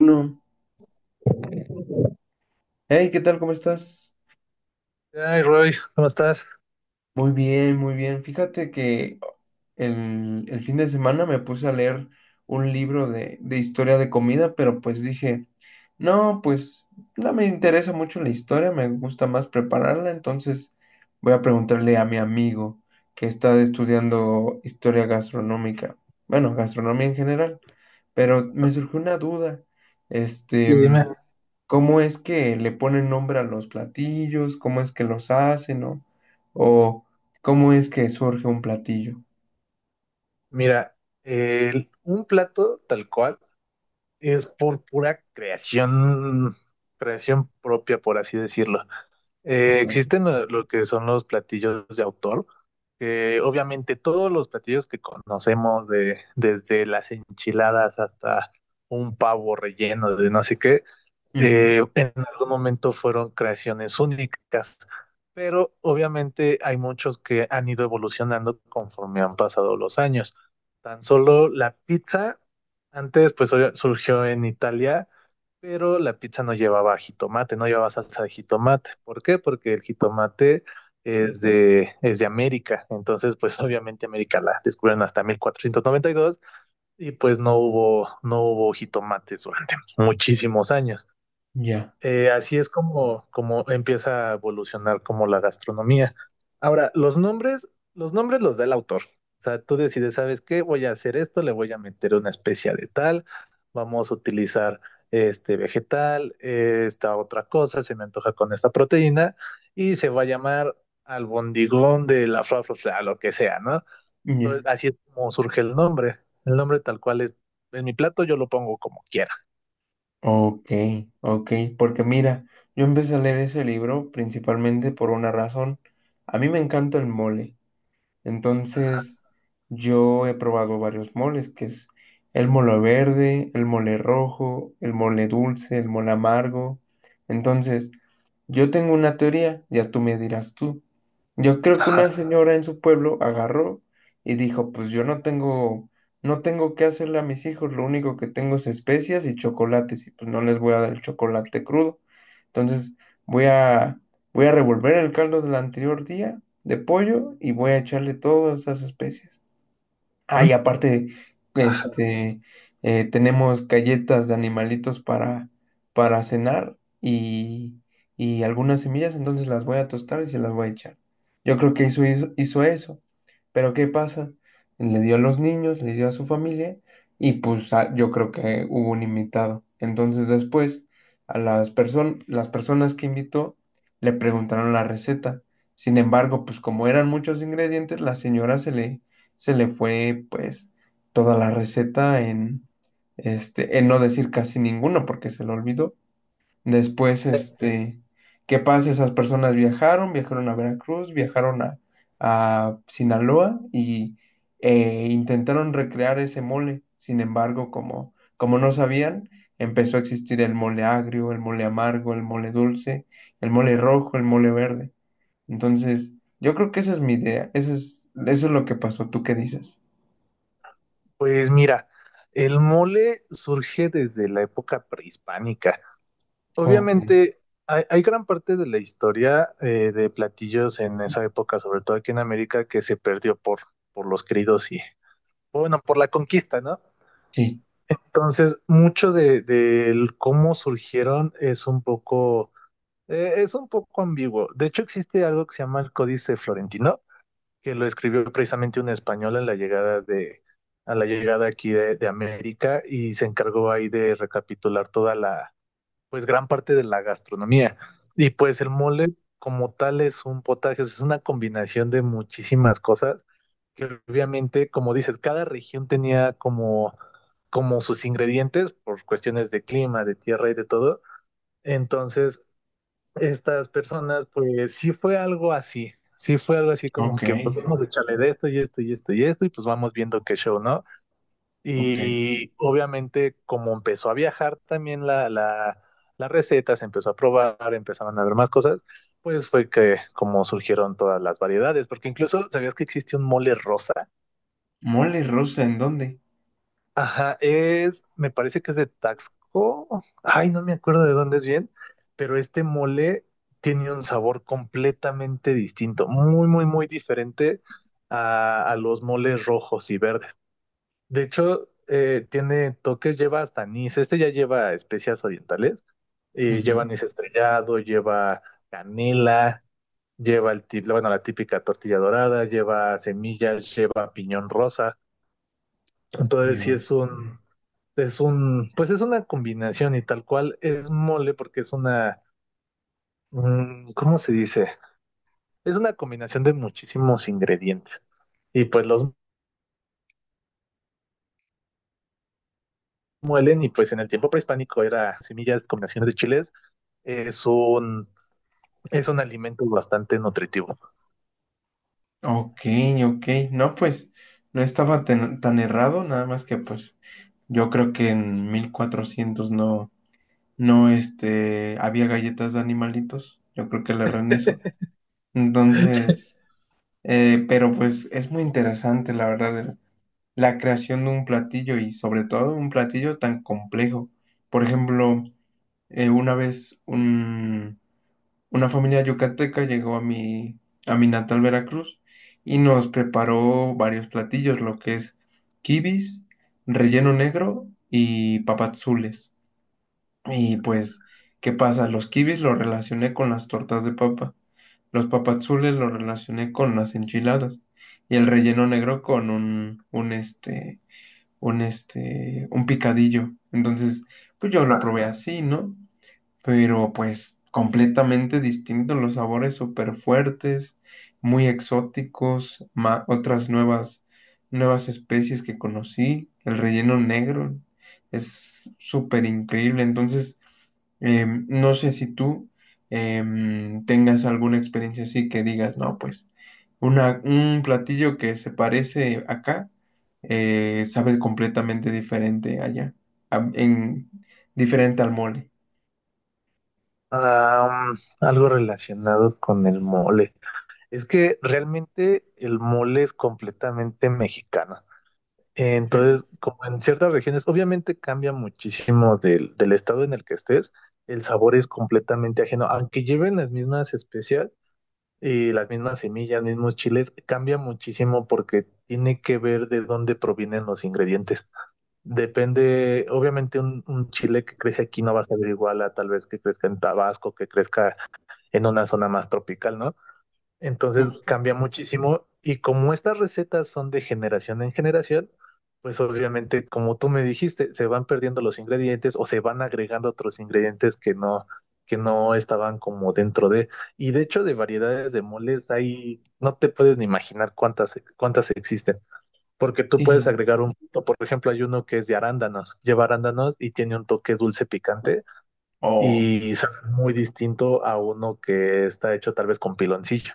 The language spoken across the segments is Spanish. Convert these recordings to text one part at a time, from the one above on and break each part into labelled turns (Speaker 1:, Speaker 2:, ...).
Speaker 1: Uno. Hey, ¿qué tal? ¿Cómo estás?
Speaker 2: Ay, Roy, ¿cómo estás?
Speaker 1: Muy bien, muy bien. Fíjate que el fin de semana me puse a leer un libro de historia de comida, pero pues dije, no, pues no me interesa mucho la historia, me gusta más prepararla, entonces voy a preguntarle a mi amigo que está estudiando historia gastronómica, bueno, gastronomía en general, pero me surgió una duda. Este,
Speaker 2: Sí, dime.
Speaker 1: ¿Cómo es que le ponen nombre a los platillos, cómo es que los hacen, ¿no? O cómo es que surge un platillo.
Speaker 2: Mira, un plato tal cual es por pura creación, creación propia, por así decirlo.
Speaker 1: Ok.
Speaker 2: Existen lo que son los platillos de autor, que obviamente todos los platillos que conocemos, de, desde las enchiladas hasta un pavo relleno de no sé qué,
Speaker 1: Ujú.
Speaker 2: en algún momento fueron creaciones únicas, pero obviamente hay muchos que han ido evolucionando conforme han pasado los años. Tan solo la pizza, antes pues surgió en Italia, pero la pizza no llevaba jitomate, no llevaba salsa de jitomate. ¿Por qué? Porque el jitomate es de América, entonces pues obviamente América la descubren hasta 1492 y pues no hubo, no hubo jitomates durante muchísimos años.
Speaker 1: Ya,
Speaker 2: Así es como, como empieza a evolucionar como la gastronomía. Ahora, los nombres, los nombres los da el autor. O sea, tú decides, ¿sabes qué? Voy a hacer esto, le voy a meter una especia de tal, vamos a utilizar este vegetal, esta otra cosa, se me antoja con esta proteína, y se va a llamar albondigón de la fra, fra, fra, lo que sea, ¿no? Entonces,
Speaker 1: ya.
Speaker 2: así es como surge el nombre. El nombre tal cual es, en mi plato yo lo pongo como quiera.
Speaker 1: Ok, ok. Porque mira, yo empecé a leer ese libro principalmente por una razón. A mí me encanta el mole. Entonces, yo he probado varios moles, que es el mole verde, el mole rojo, el mole dulce, el mole amargo. Entonces, yo tengo una teoría, ya tú me dirás tú. Yo creo que
Speaker 2: Ajá.
Speaker 1: una señora en su pueblo agarró y dijo, pues yo no tengo, no tengo qué hacerle a mis hijos, lo único que tengo es especias y chocolates, y pues no les voy a dar el chocolate crudo. Entonces, voy a, voy a revolver el caldo del anterior día de pollo y voy a echarle todas esas especias. Ah,
Speaker 2: ¿Mm?
Speaker 1: y aparte,
Speaker 2: Ajá.
Speaker 1: este, tenemos galletas de animalitos para cenar y algunas semillas, entonces las voy a tostar y se las voy a echar. Yo creo que hizo eso. Pero ¿qué pasa? Le dio a los niños, le dio a su familia y pues a- yo creo que hubo un invitado. Entonces después a las personas que invitó le preguntaron la receta. Sin embargo, pues como eran muchos ingredientes, la señora se le fue pues toda la receta en, en no decir casi ninguno porque se lo olvidó. Después, ¿qué pasa? Esas personas viajaron a Veracruz, viajaron a Sinaloa y intentaron recrear ese mole. Sin embargo, como no sabían, empezó a existir el mole agrio, el mole amargo, el mole dulce, el mole rojo, el mole verde. Entonces, yo creo que esa es mi idea. Esa es, eso es lo que pasó. ¿Tú qué dices?
Speaker 2: Pues mira, el mole surge desde la época prehispánica.
Speaker 1: Ok.
Speaker 2: Obviamente, hay gran parte de la historia de platillos en esa época, sobre todo aquí en América, que se perdió por los cridos y, bueno, por la conquista, ¿no?
Speaker 1: Sí,
Speaker 2: Entonces, mucho del cómo surgieron es un poco ambiguo. De hecho, existe algo que se llama el Códice Florentino que lo escribió precisamente un español en la llegada de, a la llegada aquí de América y se encargó ahí de recapitular toda la, pues gran parte de la gastronomía. Y pues el mole como tal es un potaje, es una combinación de muchísimas cosas que obviamente, como dices, cada región tenía como, como sus ingredientes por cuestiones de clima, de tierra y de todo. Entonces, estas personas, pues sí fue algo así, sí fue algo así como
Speaker 1: ok,
Speaker 2: que pues vamos a echarle de esto y esto y esto y esto y pues vamos viendo qué show, ¿no?
Speaker 1: ok.
Speaker 2: Y obviamente como empezó a viajar también la receta, se empezó a probar, empezaron a ver más cosas, pues fue que como surgieron todas las variedades, porque incluso sabías que existe un mole rosa.
Speaker 1: Mole rosa, ¿en dónde?
Speaker 2: Ajá, es, me parece que es de Taxco. Ay, no me acuerdo de dónde es bien, pero este mole tiene un sabor completamente distinto, muy, muy, muy diferente a los moles rojos y verdes. De hecho, tiene toques, lleva hasta anís. Este ya lleva especias orientales, y lleva anís
Speaker 1: Ujú.
Speaker 2: estrellado, lleva canela, lleva bueno, la típica tortilla dorada, lleva semillas, lleva piñón rosa. Entonces, sí
Speaker 1: Yo.
Speaker 2: es un, pues es una combinación y tal cual es mole porque es una, ¿cómo se dice? Es una combinación de muchísimos ingredientes. Y pues los muelen y pues en el tiempo prehispánico era semillas, combinaciones de chiles. Es un, es un alimento bastante nutritivo.
Speaker 1: Ok, ok. No, pues no estaba tan, tan errado, nada más que pues yo creo que en 1400 no, no, había galletas de animalitos. Yo creo que le erré en eso. Entonces, pero pues es muy interesante, la verdad, el- la creación de un platillo y sobre todo un platillo tan complejo. Por ejemplo, una vez una familia yucateca llegó a a mi natal Veracruz y nos preparó varios platillos, lo que es quibis, relleno negro y papazules. Y pues, ¿qué pasa? Los quibis los relacioné con las tortas de papa, los papazules los relacioné con las enchiladas y el relleno negro con un un picadillo. Entonces, pues yo lo
Speaker 2: Ah,
Speaker 1: probé así, ¿no? Pero pues completamente distintos los sabores súper fuertes, muy exóticos, ma- otras nuevas, nuevas especies que conocí, el relleno negro es súper increíble, entonces no sé si tú tengas alguna experiencia así que digas, no, pues una, un platillo que se parece acá, sabe completamente diferente allá, a- en, diferente al mole.
Speaker 2: ah, mm, algo relacionado con el mole. Es que realmente el mole es completamente mexicano. Entonces,
Speaker 1: Sí.
Speaker 2: como en ciertas regiones, obviamente cambia muchísimo del estado en el que estés, el sabor es completamente ajeno, aunque lleven las mismas especias y las mismas semillas, mismos chiles, cambia muchísimo porque tiene que ver de dónde provienen los ingredientes. Depende, obviamente un chile que crece aquí no va a saber igual a tal vez que crezca en Tabasco, que crezca en una zona más tropical, ¿no? Entonces
Speaker 1: Uf,
Speaker 2: cambia muchísimo y como estas recetas son de generación en generación, pues obviamente, como tú me dijiste, se van perdiendo los ingredientes o se van agregando otros ingredientes que no estaban como dentro de. Y de hecho, de variedades de moles hay, no te puedes ni imaginar cuántas, cuántas existen, porque tú puedes agregar un, o por ejemplo, hay uno que es de arándanos, lleva arándanos y tiene un toque dulce picante
Speaker 1: oh,
Speaker 2: y sabe muy distinto a uno que está hecho tal vez con piloncillo.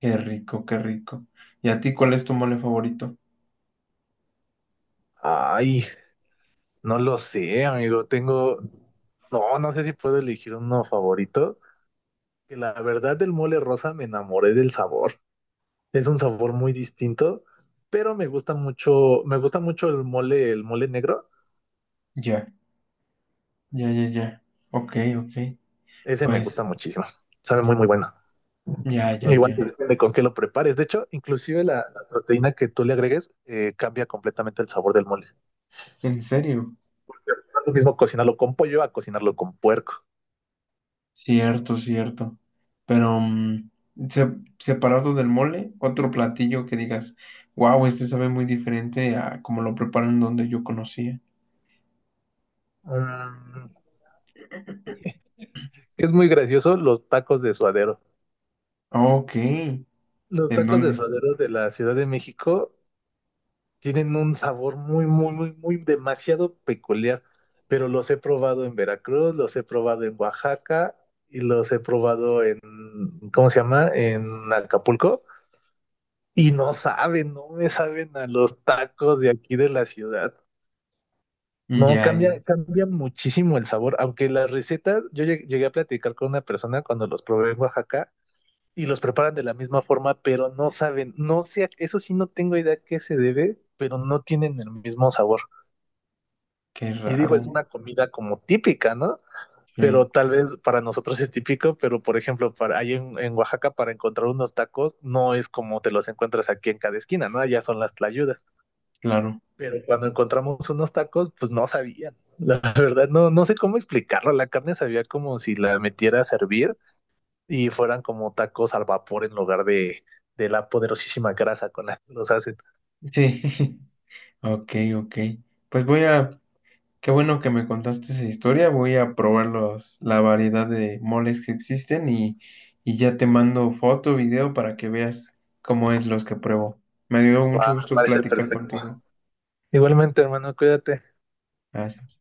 Speaker 1: qué rico, qué rico. ¿Y a ti cuál es tu mole favorito?
Speaker 2: Ay, no lo sé, amigo. Tengo, no sé si puedo elegir uno favorito. Que la verdad del mole rosa me enamoré del sabor. Es un sabor muy distinto, pero me gusta mucho el mole negro.
Speaker 1: Ya, ya, ya, ya. Ok, ok.
Speaker 2: Ese me gusta
Speaker 1: Pues,
Speaker 2: muchísimo. Sabe muy, muy bueno.
Speaker 1: ya, ya,
Speaker 2: Igual pues,
Speaker 1: ya.
Speaker 2: depende con qué lo prepares. De hecho, inclusive la proteína que tú le agregues cambia completamente el sabor del mole.
Speaker 1: ¿En serio?
Speaker 2: No es lo mismo cocinarlo con pollo a cocinarlo con puerco.
Speaker 1: Cierto, cierto. Pero, se- separado del mole, otro platillo que digas, wow, este sabe muy diferente a como lo preparan donde yo conocía.
Speaker 2: Mm, Es muy gracioso los tacos de suadero.
Speaker 1: Ok,
Speaker 2: Los
Speaker 1: ¿en
Speaker 2: tacos de
Speaker 1: dónde?
Speaker 2: suadero de la Ciudad de México tienen un sabor muy, muy, muy, muy demasiado peculiar, pero los he probado en Veracruz, los he probado en Oaxaca y los he probado en, ¿cómo se llama? En Acapulco y no saben, no me saben a los tacos de aquí de la ciudad. No,
Speaker 1: Ya, ya.
Speaker 2: cambia, cambia muchísimo el sabor, aunque las recetas, yo llegué a platicar con una persona cuando los probé en Oaxaca y los preparan de la misma forma, pero no saben, no sé, eso sí no tengo idea a qué se debe, pero no tienen el mismo sabor.
Speaker 1: Qué
Speaker 2: Y digo, es una
Speaker 1: raro.
Speaker 2: comida como típica, ¿no?
Speaker 1: Sí,
Speaker 2: Pero tal vez para nosotros es típico, pero por ejemplo, para, ahí en Oaxaca para encontrar unos tacos no es como te los encuentras aquí en cada esquina, ¿no? Allá son las tlayudas.
Speaker 1: claro.
Speaker 2: Pero cuando encontramos unos tacos, pues no sabían. La verdad, no, no sé cómo explicarlo. La carne sabía como si la metiera a servir y fueran como tacos al vapor en lugar de la poderosísima grasa con la que los hacen.
Speaker 1: Sí, ok, ok. Pues voy a... Qué bueno que me contaste esa historia. Voy a probar los, la variedad de moles que existen y ya te mando foto, video para que veas cómo es los que pruebo. Me dio mucho
Speaker 2: Va, me
Speaker 1: gusto
Speaker 2: parece
Speaker 1: platicar
Speaker 2: perfecto.
Speaker 1: contigo.
Speaker 2: Igualmente, hermano, cuídate.
Speaker 1: Gracias.